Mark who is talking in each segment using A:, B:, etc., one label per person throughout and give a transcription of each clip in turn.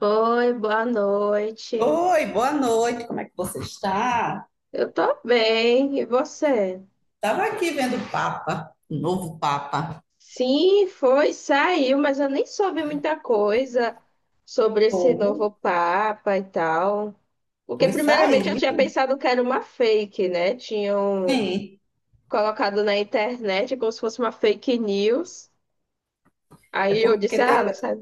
A: Oi, boa noite.
B: Oi, boa noite, como é que você está?
A: Eu tô bem, e você?
B: Estava aqui vendo o Papa, o novo Papa.
A: Sim, foi, saiu, mas eu nem soube muita coisa sobre esse
B: Pô,
A: novo Papa e tal. Porque,
B: pois
A: primeiramente, eu tinha
B: saiu.
A: pensado que era uma fake, né? Tinham
B: Sim,
A: colocado na internet como se fosse uma fake news.
B: é
A: Aí eu
B: porque
A: disse, ah,
B: teve,
A: nossa,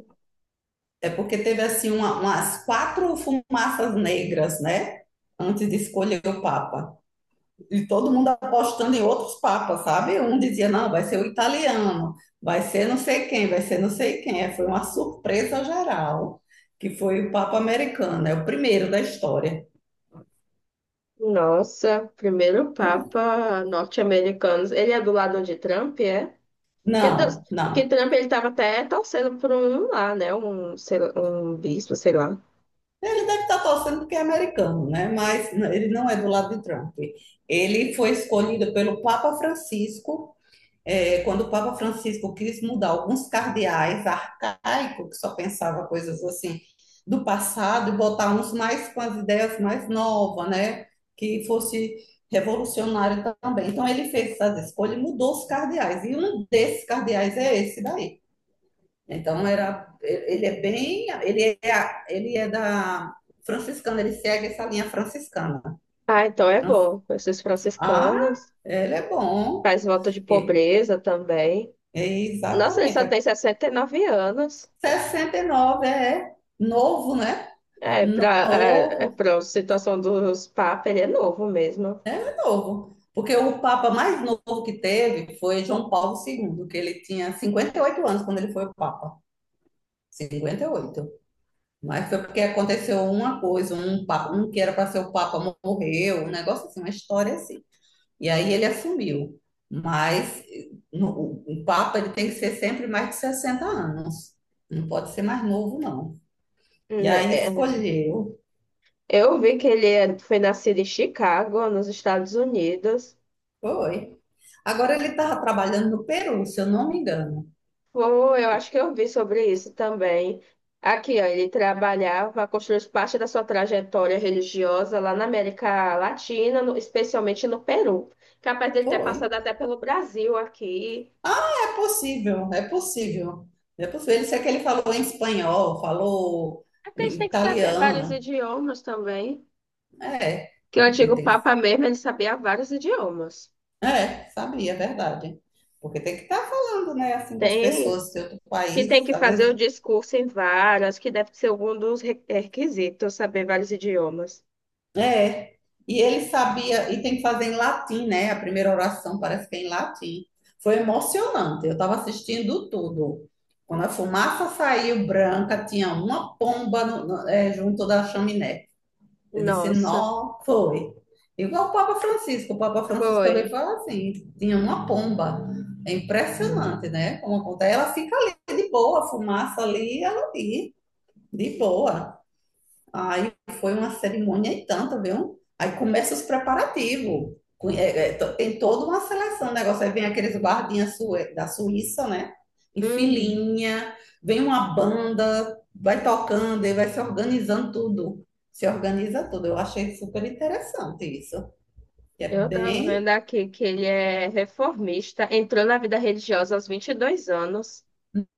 B: é porque teve assim umas quatro fumaças negras, né? Antes de escolher o Papa. E todo mundo apostando em outros papas, sabe? Um dizia, não, vai ser o italiano, vai ser não sei quem, vai ser não sei quem. É, foi uma surpresa geral, que foi o Papa americano, é o primeiro da história.
A: nossa, primeiro Papa norte-americano. Ele é do lado de Trump, é? Porque,
B: Não,
A: porque
B: não.
A: Trump ele estava até torcendo por um lá, né? Um, sei lá, um bispo, sei lá.
B: Ele deve estar torcendo porque é americano, né? Mas ele não é do lado de Trump. Ele foi escolhido pelo Papa Francisco, quando o Papa Francisco quis mudar alguns cardeais arcaicos, que só pensava coisas assim do passado, e botar uns mais com as ideias mais novas, né? Que fosse revolucionário também. Então ele fez essas escolhas e mudou os cardeais. E um desses cardeais é esse daí. Então era, ele é bem, ele é da franciscana, ele segue essa linha franciscana.
A: Ah, então é bom. Pessoas
B: Ah,
A: franciscanas,
B: ele é bom.
A: faz voto de
B: E-
A: pobreza também.
B: É
A: Nossa, ele
B: exatamente.
A: só tem 69 anos.
B: 69 é novo, né?
A: É, para é, é
B: Novo,
A: pra situação dos papas, ele é novo mesmo.
B: é novo. Porque o papa mais novo que teve foi João Paulo II, que ele tinha 58 anos quando ele foi o papa. Cinquenta e oito Mas foi porque aconteceu uma coisa, um que era para ser o Papa morreu, um negócio assim, uma história assim. E aí ele assumiu. Mas eh, no- o Papa ele tem que ser sempre mais de 60 anos. Não pode ser mais novo, não. E
A: Né,
B: aí
A: é.
B: escolheu.
A: Eu vi que ele foi nascido em Chicago, nos Estados Unidos.
B: Foi. Agora ele estava trabalhando no Peru, se eu não me engano.
A: Pô, eu acho que eu vi sobre isso também. Aqui, ó, ele trabalhava, construiu parte da sua trajetória religiosa lá na América Latina, especialmente no Peru. Capaz dele ter
B: Foi.
A: passado até pelo Brasil aqui.
B: É possível, é possível. É possível. Ele sei que ele falou em espanhol, falou
A: É porque a gente
B: em
A: tem que saber vários
B: italiano.
A: idiomas também.
B: É.
A: Que o
B: Tem
A: antigo
B: tem que
A: Papa mesmo, ele sabia vários idiomas.
B: É, sabia, é verdade. Porque tem que estar falando, né, assim, com as
A: Tem
B: pessoas do outro
A: que tem
B: país,
A: que
B: às
A: fazer o
B: vezes.
A: discurso em vários, que deve ser um dos requisitos, saber vários idiomas.
B: É. E ele sabia, e tem que fazer em latim, né? A primeira oração parece que é em latim. Foi emocionante, eu estava assistindo tudo. Quando a fumaça saiu branca, tinha uma pomba junto da chaminé. Eu disse,
A: Nossa,
B: não, foi. Igual o Papa Francisco também
A: foi.
B: fala assim, tinha uma pomba. É impressionante, né? Como acontece. Ela fica ali de boa, a fumaça ali, ela ali, de boa. Aí foi uma cerimônia e tanta, viu? Aí começa os preparativos. Tem toda uma seleção, o negócio. Aí vem aqueles guardinhas da Suíça, né? Em
A: Uhum.
B: filinha, vem uma banda, vai tocando e vai se organizando tudo. Se organiza tudo. Eu achei super interessante isso. Que é
A: Eu tava vendo
B: bem,
A: aqui que ele é reformista, entrou na vida religiosa aos 22 anos,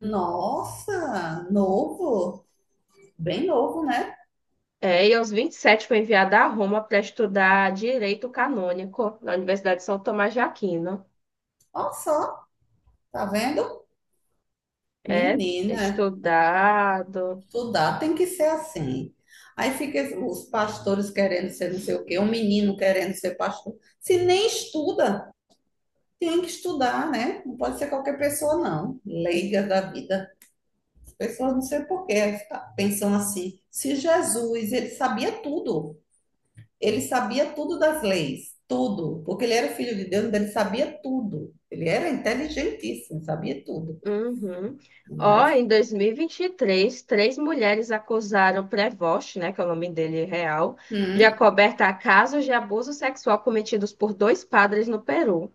B: nossa, novo. Bem novo, né?
A: é, e aos 27 foi enviado a Roma para estudar direito canônico na Universidade de São Tomás de Aquino.
B: Olha só, tá vendo?
A: É,
B: Menina.
A: estudado.
B: Estudar tem que ser assim. Aí fica os pastores querendo ser não sei o quê, um menino querendo ser pastor. Se nem estuda, tem que estudar, né? Não pode ser qualquer pessoa, não. Leiga da vida. As pessoas não sei por quê, pensam assim. Se Jesus, ele sabia tudo. Ele sabia tudo das leis, tudo. Porque ele era filho de Deus, então ele sabia tudo. Ele era inteligentíssimo, sabia tudo.
A: Uhum. Ó,
B: Mas,
A: em 2023, três mulheres acusaram o Prevost, né, que é o nome dele real, de
B: hum,
A: acobertar casos de abuso sexual cometidos por dois padres no Peru.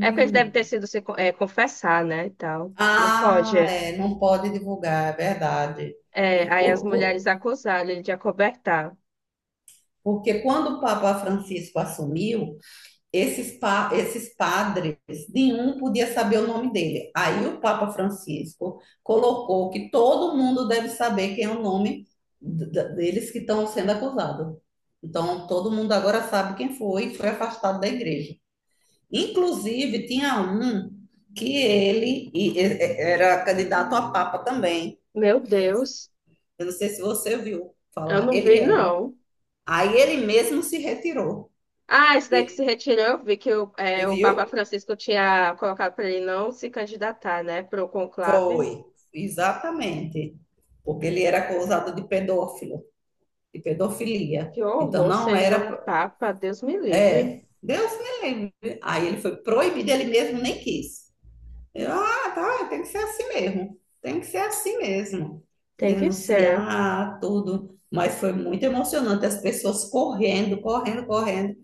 A: É porque eles devem ter sido se co- é, confessar, né, e tal. Aí não pode.
B: Ah, é, não pode divulgar, é verdade.
A: É, aí as
B: Por- por-
A: mulheres acusaram ele de acobertar.
B: Porque quando o Papa Francisco assumiu, esses padres, nenhum podia saber o nome dele. Aí o Papa Francisco colocou que todo mundo deve saber quem é o nome deles que estão sendo acusados. Então, todo mundo agora sabe quem foi e foi afastado da igreja. Inclusive, tinha um que era candidato a Papa também.
A: Meu Deus,
B: Eu não sei se você viu
A: eu
B: falar.
A: não
B: Ele
A: vi,
B: era.
A: não.
B: Aí ele mesmo se retirou.
A: Ah, esse daí que se
B: Ele-
A: retirou, eu vi que o, é,
B: Você
A: o Papa
B: viu?
A: Francisco tinha colocado para ele não se candidatar, né, para o conclave.
B: Foi. Exatamente. Porque ele era acusado de pedófilo, de pedofilia.
A: Que
B: Então
A: horror,
B: não
A: sendo um
B: era.
A: Papa, Deus me livre.
B: É. Deus me livre. Aí ele foi proibido, ele mesmo nem quis. Eu, ah, tá, tem que ser assim mesmo. Tem que ser assim mesmo.
A: Tem que ser.
B: Denunciar tudo. Mas foi muito emocionante, as pessoas correndo, correndo, correndo.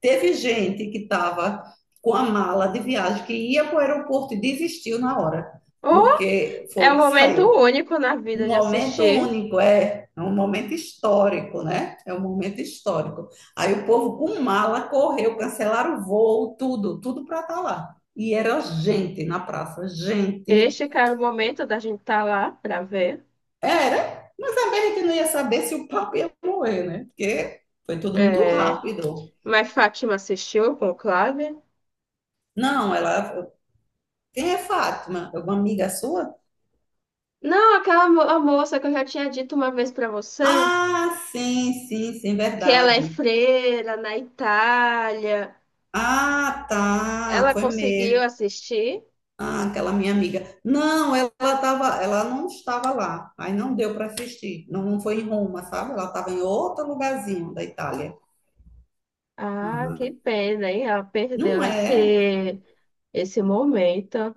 B: Teve gente que estava com a mala de viagem que ia para o aeroporto e desistiu na hora,
A: Oh,
B: porque
A: é
B: foi
A: um
B: que
A: momento
B: saiu.
A: único na
B: Um
A: vida de
B: momento
A: assistir.
B: único, é um momento histórico, né? É um momento histórico. Aí o povo com mala correu, cancelaram o voo, tudo, tudo para estar lá. E era gente na praça, gente.
A: Este, cara, é o momento da gente estar lá para ver.
B: Era, mas também a gente não ia saber se o papo ia morrer, né? Porque foi tudo muito
A: É.
B: rápido.
A: Mas Fátima assistiu o Conclave?
B: Não, ela. Quem é Fátima? Alguma amiga sua?
A: Não, aquela a moça que eu já tinha dito uma vez pra você,
B: Ah, sim, sim, sim,
A: que ela é
B: verdade.
A: freira na Itália.
B: Ah, tá,
A: Ela
B: foi
A: conseguiu
B: mesmo.
A: assistir?
B: Ah, aquela minha amiga. Não, ela tava, ela não estava lá. Aí não deu para assistir. Não, não foi em Roma, sabe? Ela estava em outro lugarzinho da Itália.
A: Ah,
B: Ah,
A: que pena, hein? Ela perdeu
B: não é,
A: esse, esse momento.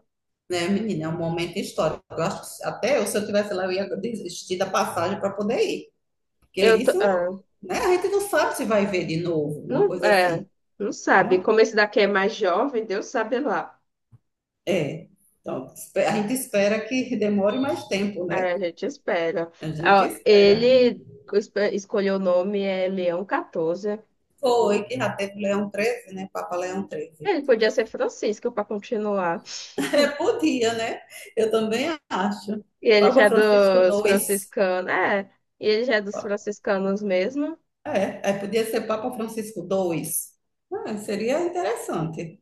B: né, menina? É um momento histórico. Eu acho que até eu, se eu tivesse lá, eu ia desistir da passagem para poder ir. Porque isso,
A: Ah,
B: né? A gente não sabe se vai ver de novo, uma
A: não,
B: coisa
A: é,
B: assim.
A: não sabe.
B: né?
A: Como esse daqui é mais jovem, Deus sabe lá.
B: É, então, a gente espera que demore mais tempo, né?
A: Aí a gente espera.
B: A gente
A: Ah,
B: espera.
A: ele escolheu o nome é Leão 14.
B: Foi que já teve Leão XIII, né? Papa Leão XIII.
A: Ele podia ser Francisco para continuar.
B: É, podia, né? Eu também acho.
A: E ele já
B: Papa
A: é
B: Francisco
A: dos
B: dois
A: franciscanos. É, e ele já é dos franciscanos mesmo.
B: É, podia ser Papa Francisco II. Ah, seria interessante.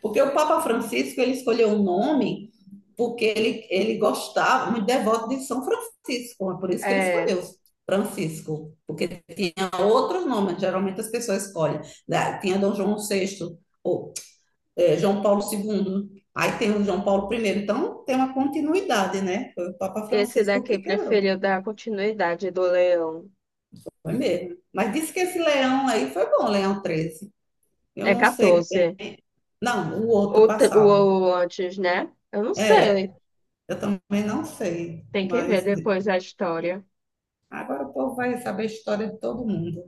B: Porque o Papa Francisco ele escolheu o nome porque ele gostava, muito devoto de São Francisco, é por isso que ele
A: É,
B: escolheu Francisco, porque tinha outros nomes, geralmente as pessoas escolhem. Né? Tinha Dom João VI, ou é, João Paulo II, aí tem o João Paulo I, então tem uma continuidade, né? Foi o Papa
A: esse
B: Francisco
A: daqui
B: que quebrou,
A: preferiu dar continuidade do Leão.
B: foi mesmo. Mas disse que esse leão aí foi bom, Leão XIII. Eu
A: É
B: não sei
A: 14.
B: bem. Não, o outro
A: O, te- o,
B: passava.
A: o antes, né? Eu não
B: É,
A: sei.
B: eu também não sei,
A: Tem que ver
B: mas
A: depois a história.
B: agora o povo vai saber a história de todo mundo.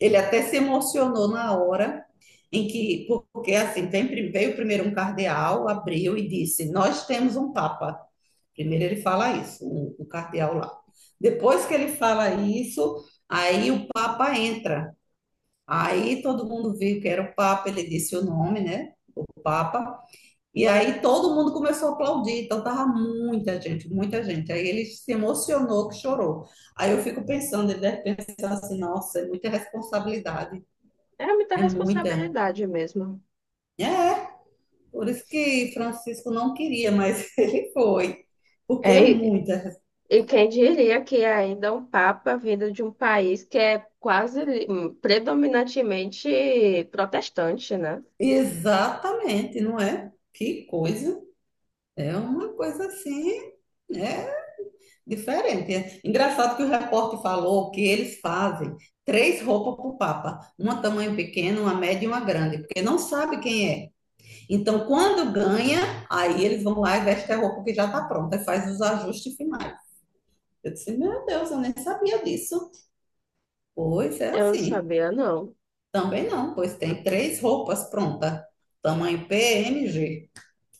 B: Ele até se emocionou na hora em que, porque assim, veio primeiro um cardeal, abriu e disse: Nós temos um papa. Primeiro ele fala isso, o cardeal lá. Depois que ele fala isso, aí o papa entra. Aí todo mundo viu que era o papa, ele disse o nome, né? O papa. E aí todo mundo começou a aplaudir, então tava muita gente, muita gente. Aí ele se emocionou que chorou. Aí eu fico pensando, ele deve pensar assim, nossa, é muita responsabilidade,
A: É muita
B: é muita.
A: responsabilidade mesmo.
B: É, por isso que Francisco não queria, mas ele foi, porque é
A: É,
B: muita.
A: e quem diria que é ainda um papa vindo de um país que é quase predominantemente protestante, né?
B: Exatamente, não é? Que coisa. É uma coisa assim, né? Diferente. Engraçado que o repórter falou que eles fazem três roupas para o Papa, uma tamanho pequeno, uma média e uma grande, porque não sabe quem é. Então, quando ganha, aí eles vão lá e vestem a roupa que já está pronta e faz os ajustes finais. Eu disse, meu Deus, eu nem sabia disso. Pois é
A: Eu não
B: assim.
A: sabia, não.
B: Também não, pois tem três roupas prontas, tamanho PMG.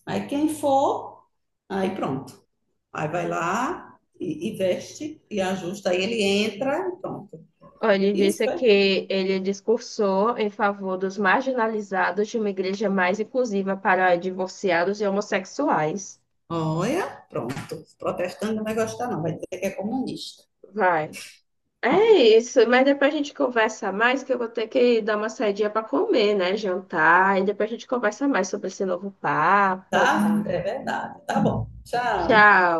B: Aí quem for, aí pronto. Aí vai lá e veste e ajusta, aí ele entra e pronto.
A: Ó, ele
B: Isso,
A: disse
B: é.
A: que ele discursou em favor dos marginalizados de uma igreja mais inclusiva para divorciados e homossexuais.
B: Olha, pronto. Protestante não vai gostar, não. Vai dizer que é comunista.
A: Vai. É isso, mas depois a gente conversa mais, que eu vou ter que dar uma saidinha para comer, né? Jantar, e depois a gente conversa mais sobre esse novo papa e
B: Tá?
A: tal.
B: É verdade. Tá bom. Tchau.
A: Tchau.